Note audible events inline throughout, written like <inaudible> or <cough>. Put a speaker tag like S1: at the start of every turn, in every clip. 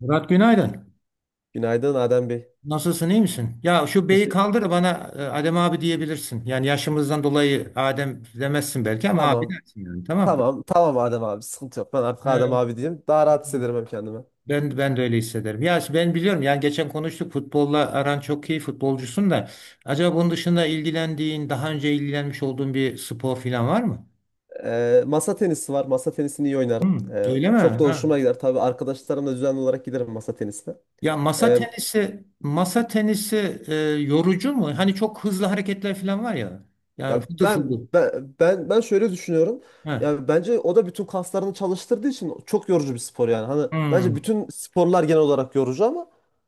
S1: Murat günaydın.
S2: Günaydın Adem Bey.
S1: Nasılsın iyi misin? Ya şu beyi
S2: Teşekkür.
S1: kaldır bana. Adem abi diyebilirsin. Yani yaşımızdan dolayı Adem demezsin belki ama abi
S2: Tamam.
S1: dersin, yani tamam.
S2: Tamam. Tamam Adem abi. Sıkıntı yok. Ben artık
S1: Mı?
S2: Adem abi diyeyim. Daha rahat hissederim hem kendimi.
S1: Ben de öyle hissederim. Ya işte ben biliyorum, yani geçen konuştuk, futbolla aran çok iyi, futbolcusun da acaba bunun dışında ilgilendiğin, daha önce ilgilenmiş olduğun bir spor falan var mı?
S2: Masa tenisi var. Masa tenisini iyi
S1: Hı,
S2: oynarım. Ee,
S1: öyle mi?
S2: çok da
S1: Ha.
S2: hoşuma gider. Tabii arkadaşlarımla düzenli olarak giderim masa tenisine.
S1: Ya masa
S2: Ee,
S1: tenisi masa tenisi yorucu mu? Hani çok hızlı hareketler falan var ya. Yani
S2: Ya
S1: fıtır
S2: ben
S1: fıtır.
S2: ben ben ben şöyle düşünüyorum.
S1: Ha.
S2: Ya bence o da bütün kaslarını çalıştırdığı için çok yorucu bir spor yani. Hani bence
S1: Hmm.
S2: bütün sporlar genel olarak yorucu ama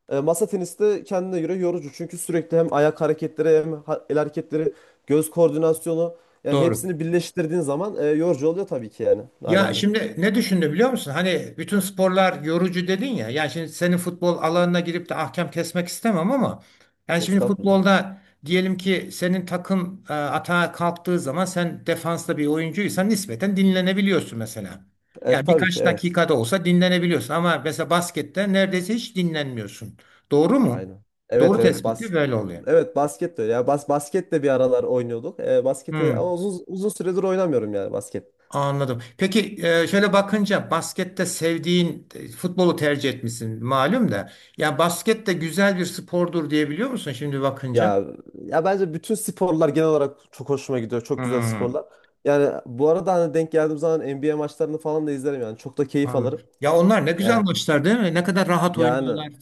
S2: masa tenisi de kendine göre yorucu. Çünkü sürekli hem ayak hareketleri hem el hareketleri, göz koordinasyonu yani
S1: Doğru.
S2: hepsini birleştirdiğin zaman yorucu oluyor tabii ki yani.
S1: Ya
S2: Adem Bey.
S1: şimdi ne düşündü biliyor musun? Hani bütün sporlar yorucu dedin ya. Yani şimdi senin futbol alanına girip de ahkam kesmek istemem ama yani şimdi
S2: Estağfurullah.
S1: futbolda diyelim ki senin takım atağa kalktığı zaman sen defansta bir oyuncuysan nispeten dinlenebiliyorsun mesela.
S2: E,
S1: Yani
S2: tabii ki
S1: birkaç
S2: evet.
S1: dakikada olsa dinlenebiliyorsun ama mesela baskette neredeyse hiç dinlenmiyorsun. Doğru mu?
S2: Aynen. Evet,
S1: Doğru
S2: evet,
S1: tespiti böyle oluyor.
S2: evet, basket de öyle. Ya basket de bir aralar oynuyorduk. Basketi
S1: Hmm.
S2: ama uzun uzun süredir oynamıyorum yani basket.
S1: Anladım. Peki şöyle bakınca baskette sevdiğin futbolu tercih etmişsin malum da. Ya basket de güzel bir spordur diyebiliyor musun şimdi bakınca?
S2: Ya ya bence bütün sporlar genel olarak çok hoşuma gidiyor. Çok güzel
S1: Hmm,
S2: sporlar. Yani bu arada hani denk geldiğim zaman NBA maçlarını falan da izlerim yani. Çok da keyif
S1: anladım.
S2: alırım.
S1: Ya onlar ne güzel
S2: E,
S1: maçlar değil mi? Ne kadar rahat
S2: yani
S1: oynuyorlar.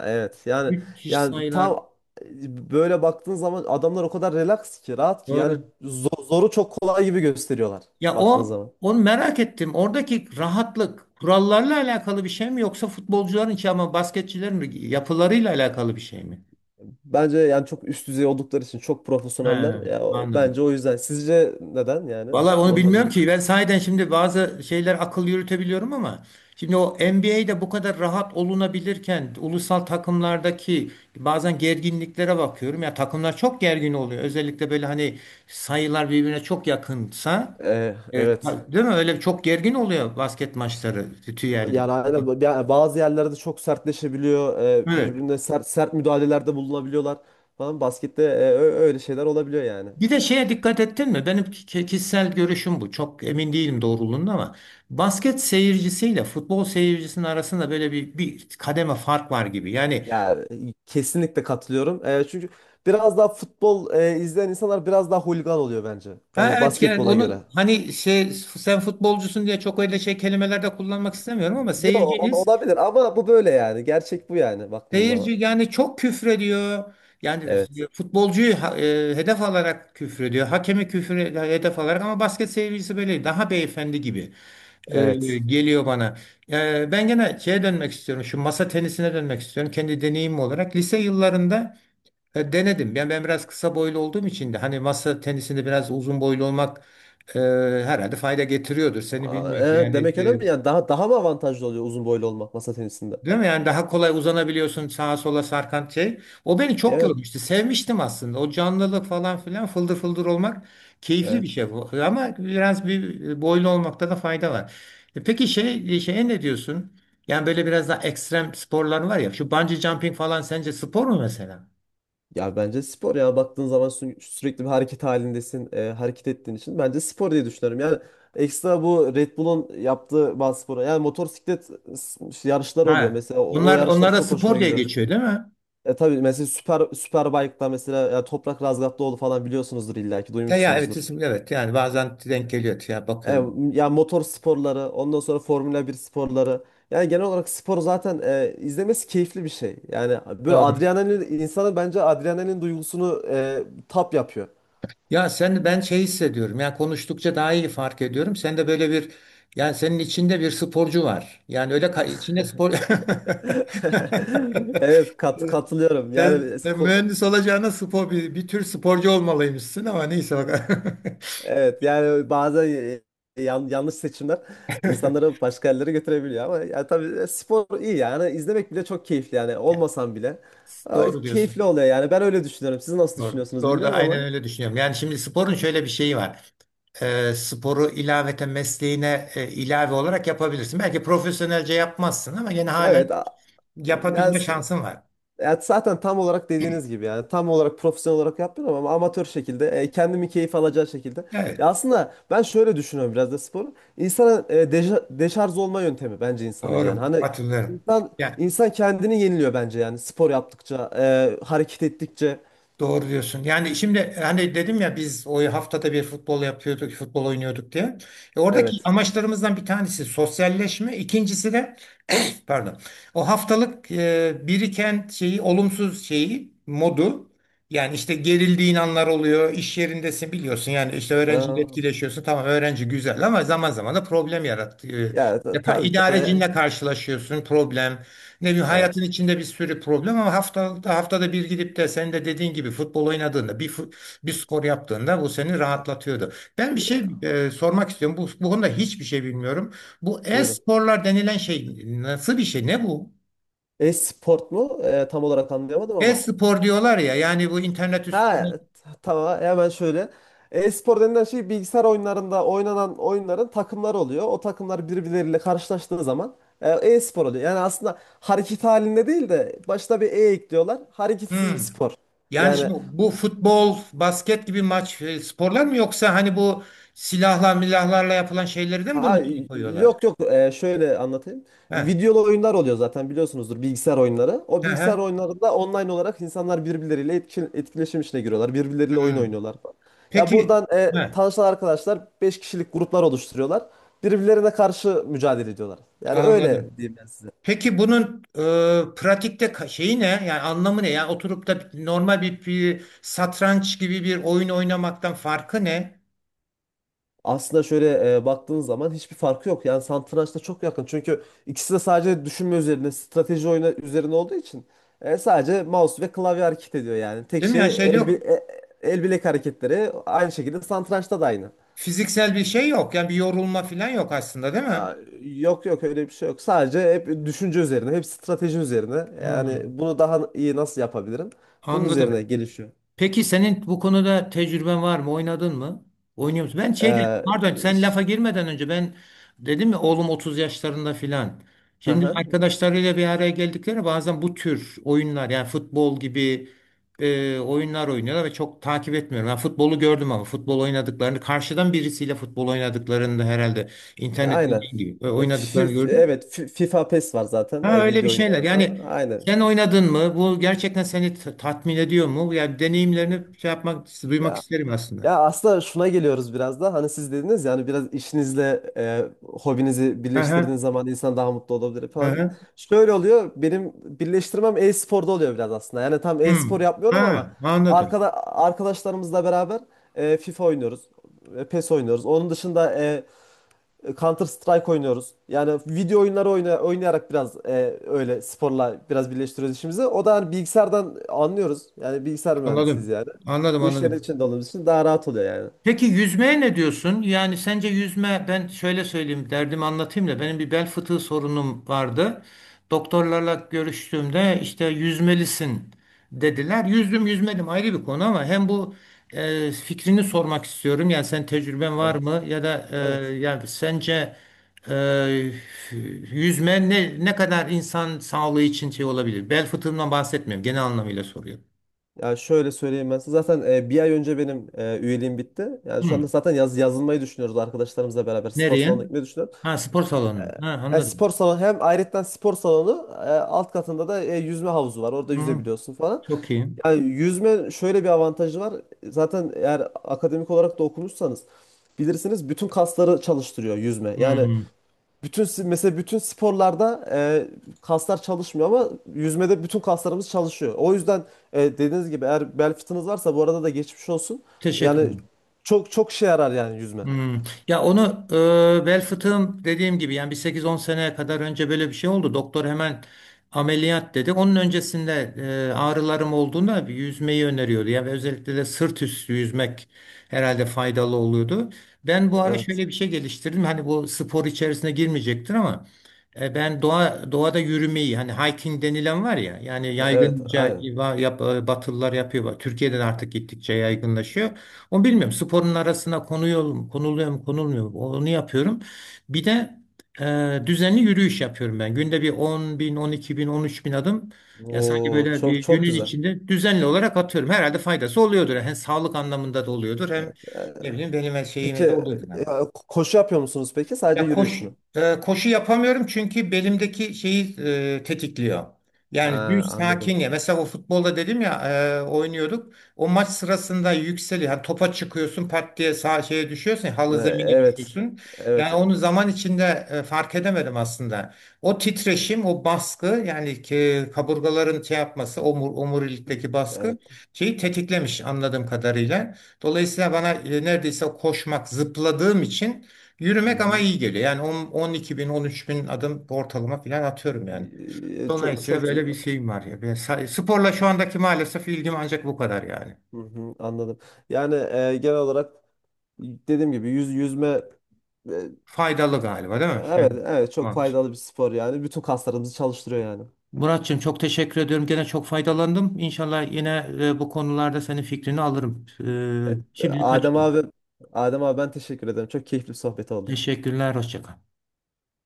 S2: evet, yani
S1: Müthiş
S2: yani
S1: sayılar.
S2: tam böyle baktığın zaman adamlar o kadar relax ki rahat ki yani
S1: Doğru.
S2: zoru çok kolay gibi gösteriyorlar
S1: Ya
S2: baktığın
S1: o
S2: zaman.
S1: onu merak ettim. Oradaki rahatlık kurallarla alakalı bir şey mi yoksa futbolcuların ki ama basketçilerin mi yapılarıyla alakalı bir şey mi?
S2: Bence yani çok üst düzey oldukları için çok profesyoneller.
S1: He,
S2: Ya
S1: anladım.
S2: bence o yüzden. Sizce neden yani?
S1: Vallahi onu
S2: Ondan
S1: bilmiyorum
S2: merak
S1: ki. Ben
S2: ettim.
S1: sahiden şimdi bazı şeyler akıl yürütebiliyorum ama şimdi o NBA'de bu kadar rahat olunabilirken ulusal takımlardaki bazen gerginliklere bakıyorum. Ya takımlar çok gergin oluyor. Özellikle böyle hani sayılar birbirine çok yakınsa.
S2: E,
S1: Evet.
S2: evet.
S1: Değil mi? Öyle çok gergin oluyor basket maçları. Tüyelli.
S2: Yani aynen yani bazı yerlerde çok sertleşebiliyor. e,
S1: Evet.
S2: birbirine sert, sert müdahalelerde bulunabiliyorlar falan. Baskette öyle şeyler olabiliyor yani.
S1: Bir de şeye dikkat ettin mi? Benim kişisel görüşüm bu. Çok emin değilim doğruluğunda ama basket seyircisiyle futbol seyircisinin arasında böyle bir, bir kademe fark var gibi. Yani
S2: Yani, kesinlikle katılıyorum. Çünkü biraz daha futbol izleyen insanlar biraz daha hooligan oluyor bence.
S1: ha
S2: Yani
S1: evet, yani
S2: basketbola göre.
S1: onu hani şey, sen futbolcusun diye çok öyle şey kelimelerde kullanmak istemiyorum ama
S2: Yo
S1: seyirciniz
S2: olabilir ama bu böyle yani. Gerçek bu yani baktığınız
S1: seyirci
S2: zaman.
S1: yani çok küfrediyor. Yani
S2: Evet.
S1: futbolcuyu hedef alarak küfrediyor. Hakemi küfür hedef alarak, ama basket seyircisi böyle daha beyefendi gibi
S2: Evet.
S1: geliyor bana. Ben gene şeye dönmek istiyorum. Şu masa tenisine dönmek istiyorum. Kendi deneyimim olarak lise yıllarında denedim. Yani ben biraz kısa boylu olduğum için de hani masa tenisinde biraz uzun boylu olmak e, herhalde fayda getiriyordur. Seni
S2: Aa,
S1: bilmiyorum.
S2: e,
S1: Yani
S2: demek önemli yani daha mı avantajlı oluyor uzun boylu olmak masa tenisinde?
S1: değil mi? Yani daha kolay uzanabiliyorsun sağa sola sarkan şey. O beni çok
S2: Evet.
S1: yormuştu. Sevmiştim aslında. O canlılık falan filan, fıldır fıldır olmak keyifli bir
S2: Evet.
S1: şey bu. Ama biraz bir boylu olmakta da fayda var. E peki şey, şeye ne diyorsun? Yani böyle biraz daha ekstrem sporlar var ya. Şu bungee jumping falan sence spor mu mesela?
S2: Ya bence spor ya baktığın zaman sürekli bir hareket halindesin, hareket ettiğin için bence spor diye düşünüyorum. Yani ekstra bu Red Bull'un yaptığı bazı spora yani motosiklet yarışları oluyor
S1: Ha.
S2: mesela o
S1: Bunlar
S2: yarışlar
S1: onlara
S2: çok
S1: spor
S2: hoşuma
S1: diye
S2: gidiyor.
S1: geçiyor değil mi?
S2: Tabii mesela süper Superbike'da mesela ya Toprak Razgatlıoğlu falan biliyorsunuzdur illa ki
S1: Ya, ya evet
S2: duymuşsunuzdur.
S1: isim, evet yani bazen denk geliyor ya,
S2: E,
S1: bakıyorum.
S2: ya motor sporları, ondan sonra Formula 1 sporları. Yani genel olarak spor zaten izlemesi keyifli bir şey. Yani böyle
S1: Doğru.
S2: adrenalin insanı bence adrenalin duygusunu tap yapıyor.
S1: Ya sen, ben şey hissediyorum. Yani konuştukça daha iyi fark ediyorum. Sen de böyle bir, yani senin içinde bir sporcu var. Yani öyle içinde spor <laughs>
S2: <laughs> Evet katılıyorum. Yani
S1: sen, sen
S2: ko-
S1: mühendis olacağına spor bir, bir tür sporcu olmalıymışsın ama neyse bak.
S2: evet, yani bazen yanlış seçimler insanları
S1: <laughs>
S2: başka yerlere götürebiliyor ama ya tabii spor iyi yani izlemek bile çok keyifli yani
S1: Ya,
S2: olmasam bile. Ama
S1: doğru diyorsun.
S2: keyifli oluyor yani ben öyle düşünüyorum. Siz nasıl
S1: Doğru.
S2: düşünüyorsunuz
S1: Doğru da
S2: bilmiyorum
S1: aynen
S2: ama
S1: öyle düşünüyorum. Yani şimdi sporun şöyle bir şeyi var. Sporu ilaveten mesleğine ilave olarak yapabilirsin. Belki profesyonelce yapmazsın ama yine halen
S2: evet yani.
S1: yapabilme şansın var.
S2: Ya zaten tam olarak dediğiniz gibi yani tam olarak profesyonel olarak yapmıyorum ama amatör şekilde kendimi keyif alacağı şekilde.
S1: Evet,
S2: Ya aslında ben şöyle düşünüyorum biraz da sporu. İnsana deşarj olma yöntemi bence insanın yani.
S1: doğru.
S2: Hani
S1: Hatırlıyorum.
S2: insan
S1: Yani
S2: insan kendini yeniliyor bence yani spor yaptıkça, hareket ettikçe.
S1: doğru diyorsun. Yani şimdi hani dedim ya biz o haftada bir futbol yapıyorduk, futbol oynuyorduk diye. E, oradaki
S2: Evet.
S1: amaçlarımızdan bir tanesi sosyalleşme, ikincisi de <clears throat> pardon. O haftalık biriken şeyi, olumsuz şeyi, modu, yani işte gerildiğin anlar oluyor. İş yerindesin biliyorsun. Yani işte öğrenciyle
S2: Ee,
S1: etkileşiyorsun. Tamam öğrenci güzel ama zaman zaman da problem yarattı.
S2: ya
S1: Yapan
S2: tabii ki. e,
S1: idarecinle karşılaşıyorsun, problem. Ne bileyim hayatın
S2: evet.
S1: içinde bir sürü problem ama haftada bir gidip de senin de dediğin gibi futbol oynadığında bir bir
S2: Evet.
S1: spor yaptığında bu seni rahatlatıyordu. Ben bir
S2: Ya,
S1: şey sormak istiyorum. Bu konuda hiçbir şey bilmiyorum. Bu
S2: buyurun.
S1: e-sporlar denilen şey nasıl bir şey? Ne bu?
S2: E-sport mu? Tam olarak anlayamadım ama.
S1: E-spor diyorlar ya, yani bu internet üstünde.
S2: Ha tamam, hemen şöyle. E-spor denilen şey bilgisayar oyunlarında oynanan oyunların takımları oluyor. O takımlar birbirleriyle karşılaştığı zaman e-spor oluyor. Yani aslında hareket halinde değil de başta bir e ekliyorlar. Hareketsiz bir
S1: Hmm.
S2: spor.
S1: Yani
S2: Yani,
S1: şimdi bu futbol, basket gibi maç sporlar mı yoksa hani bu silahla milahlarla yapılan şeyleri de mi bunun
S2: Ha,
S1: içine koyuyorlar?
S2: yok, yok. Şöyle anlatayım.
S1: Heh.
S2: Videolu oyunlar oluyor zaten biliyorsunuzdur bilgisayar oyunları. O
S1: Hı
S2: bilgisayar
S1: hı.
S2: oyunlarında online olarak insanlar birbirleriyle etkileşim içine giriyorlar. Birbirleriyle oyun
S1: Hmm.
S2: oynuyorlar falan. Ya
S1: Peki
S2: buradan
S1: heh,
S2: tanışan arkadaşlar 5 kişilik gruplar oluşturuyorlar. Birbirlerine karşı mücadele ediyorlar. Yani öyle
S1: anladım.
S2: diyeyim ben.
S1: Peki bunun pratikte şeyi ne? Yani anlamı ne? Yani oturup da normal bir, bir satranç gibi bir oyun oynamaktan farkı ne?
S2: Aslında şöyle baktığın zaman hiçbir farkı yok. Yani satrançla çok yakın. Çünkü ikisi de sadece düşünme üzerine, strateji oyunu üzerine olduğu için sadece mouse ve klavye hareket ediyor yani. Tek
S1: Değil mi?
S2: şey
S1: Yani şey yok.
S2: el bilek hareketleri aynı şekilde satrançta da aynı.
S1: Fiziksel bir şey yok. Yani bir yorulma falan yok aslında, değil mi?
S2: Aa, Yok, yok, öyle bir şey yok. Sadece hep düşünce üzerine, hep strateji üzerine. Yani
S1: Hmm,
S2: bunu daha iyi nasıl yapabilirim? Bunun üzerine
S1: anladım.
S2: gelişiyor.
S1: Peki senin bu konuda tecrüben var mı? Oynadın mı? Oynuyor musun? Ben şeyden,
S2: Ee,
S1: pardon sen
S2: ş-
S1: lafa girmeden önce ben dedim ya, oğlum 30 yaşlarında filan.
S2: hı
S1: Şimdi
S2: hı.
S1: arkadaşlarıyla bir araya geldikleri bazen bu tür oyunlar, yani futbol gibi oyunlar oynuyorlar ve çok takip etmiyorum. Ben futbolu gördüm ama futbol oynadıklarını, karşıdan birisiyle futbol oynadıklarını da, herhalde internette değil
S2: Aynen.
S1: gibi
S2: E, fi-
S1: oynadıklarını
S2: fi-
S1: gördüm.
S2: evet FIFA PES var zaten
S1: Ha öyle bir
S2: video
S1: şeyler.
S2: oyunlarında.
S1: Yani
S2: Aynen.
S1: sen oynadın mı? Bu gerçekten seni tatmin ediyor mu? Yani deneyimlerini şey yapmak, duymak
S2: Ya
S1: isterim aslında.
S2: ya aslında şuna geliyoruz biraz da. Hani siz dediniz yani biraz işinizle hobinizi
S1: Aha,
S2: birleştirdiğiniz zaman insan daha mutlu olabilir falan.
S1: aha.
S2: Şöyle oluyor. Benim birleştirmem e-sporda oluyor biraz aslında. Yani tam
S1: Hmm.
S2: e-spor yapmıyorum ama
S1: Ha, anladım.
S2: arkadaşlarımızla beraber FIFA oynuyoruz. PES oynuyoruz. Onun dışında Counter Strike oynuyoruz. Yani video oyunları oynayarak biraz öyle sporla biraz birleştiriyoruz işimizi. O da hani bilgisayardan anlıyoruz. Yani bilgisayar mühendisiyiz
S1: Anladım.
S2: yani.
S1: Anladım,
S2: Bu işlerin
S1: anladım.
S2: içinde olduğumuz için daha rahat oluyor yani.
S1: Peki yüzmeye ne diyorsun? Yani sence yüzme, ben şöyle söyleyeyim, derdimi anlatayım da, benim bir bel fıtığı sorunum vardı. Doktorlarla görüştüğümde işte yüzmelisin dediler. Yüzdüm yüzmedim ayrı bir konu ama hem bu fikrini sormak istiyorum. Yani sen, tecrüben var
S2: Evet.
S1: mı ya da
S2: Evet.
S1: yani sence e, yüzme ne, ne kadar insan sağlığı için şey olabilir? Bel fıtığından bahsetmiyorum, genel anlamıyla soruyorum.
S2: Ya şöyle söyleyeyim ben size. Zaten bir ay önce benim üyeliğim bitti. Yani
S1: Hı.
S2: şu anda zaten yazılmayı düşünüyoruz arkadaşlarımızla beraber. Spor
S1: Nereye?
S2: salonuna gitmeyi düşünüyoruz.
S1: Ha, spor salonu. Ha,
S2: Yani
S1: anladım.
S2: spor salonu hem ayrıca spor salonu alt katında da yüzme havuzu var. Orada
S1: Hı.
S2: yüzebiliyorsun falan.
S1: Çok iyi.
S2: Yani yüzme şöyle bir avantajı var. Zaten eğer akademik olarak da okumuşsanız bilirsiniz bütün kasları çalıştırıyor yüzme. Yani
S1: Hmm.
S2: bütün mesela bütün sporlarda kaslar çalışmıyor ama yüzmede bütün kaslarımız çalışıyor. O yüzden dediğiniz gibi eğer bel fıtığınız varsa bu arada da geçmiş olsun.
S1: Teşekkür
S2: Yani
S1: ederim.
S2: çok çok şey yarar yani yüzme.
S1: Hmm. Ya onu bel fıtığım, dediğim gibi yani bir sekiz on sene kadar önce böyle bir şey oldu. Doktor hemen ameliyat dedi. Onun öncesinde ağrılarım olduğunda bir yüzmeyi öneriyordu. Yani özellikle de sırt üstü yüzmek herhalde faydalı oluyordu. Ben bu ara
S2: Evet.
S1: şöyle bir şey geliştirdim. Hani bu spor içerisine girmeyecektir ama ben doğada yürümeyi, hani hiking denilen var ya, yani
S2: Evet,
S1: yaygınca
S2: aynen.
S1: batılılar yapıyor. Türkiye'den artık gittikçe yaygınlaşıyor. Onu bilmiyorum. Sporun arasına konuyor mu, konuluyor mu, konulmuyor mu? Onu yapıyorum. Bir de düzenli yürüyüş yapıyorum ben. Günde bir 10 bin, 12 bin, 13 bin adım. Ya sanki
S2: Oo,
S1: böyle bir
S2: çok çok
S1: günün
S2: güzel.
S1: içinde düzenli olarak atıyorum. Herhalde faydası oluyordur. Hem sağlık anlamında da oluyordur. Hem
S2: Evet.
S1: ne bileyim, benim her
S2: Peki
S1: şeyime de oluyordur.
S2: e, koşu yapıyor musunuz peki? Sadece
S1: Ya
S2: yürüyüş
S1: koş,
S2: mü?
S1: Koşu yapamıyorum çünkü belimdeki şeyi tetikliyor. Yani
S2: Ha,
S1: düz
S2: anladım.
S1: sakin ya. Mesela o futbolda dedim ya oynuyorduk. O maç sırasında yükseliyor. Yani topa çıkıyorsun, pat diye sağ şeye düşüyorsun. Halı
S2: Ee,
S1: zemine
S2: Evet.
S1: düşüyorsun.
S2: Evet.
S1: Yani onu zaman içinde fark edemedim aslında. O titreşim, o baskı, yani ki kaburgaların şey yapması, omur, omurilikteki baskı
S2: Evet.
S1: şeyi tetiklemiş anladığım kadarıyla. Dolayısıyla bana neredeyse koşmak, zıpladığım için.
S2: Hı
S1: Yürümek ama
S2: hı.
S1: iyi geliyor. Yani 10, 12 bin, 13 bin adım ortalama falan atıyorum yani.
S2: Çok
S1: Dolayısıyla
S2: çok
S1: böyle bir şeyim var ya. Böyle sporla şu andaki maalesef ilgim ancak bu kadar yani.
S2: Hı hı, anladım. Yani genel olarak dediğim gibi yüzme e,
S1: Faydalı galiba değil mi?
S2: evet,
S1: Yani,
S2: evet, çok
S1: tamam.
S2: faydalı bir spor yani. Bütün kaslarımızı çalıştırıyor yani.
S1: Muratçığım çok teşekkür ediyorum. Gene çok faydalandım. İnşallah yine bu konularda senin fikrini alırım.
S2: Evet,
S1: E, şimdilik
S2: Adem
S1: kaçayım.
S2: abi Adem abi ben teşekkür ederim. Çok keyifli bir sohbet oldu.
S1: Teşekkürler. Hoşça kal.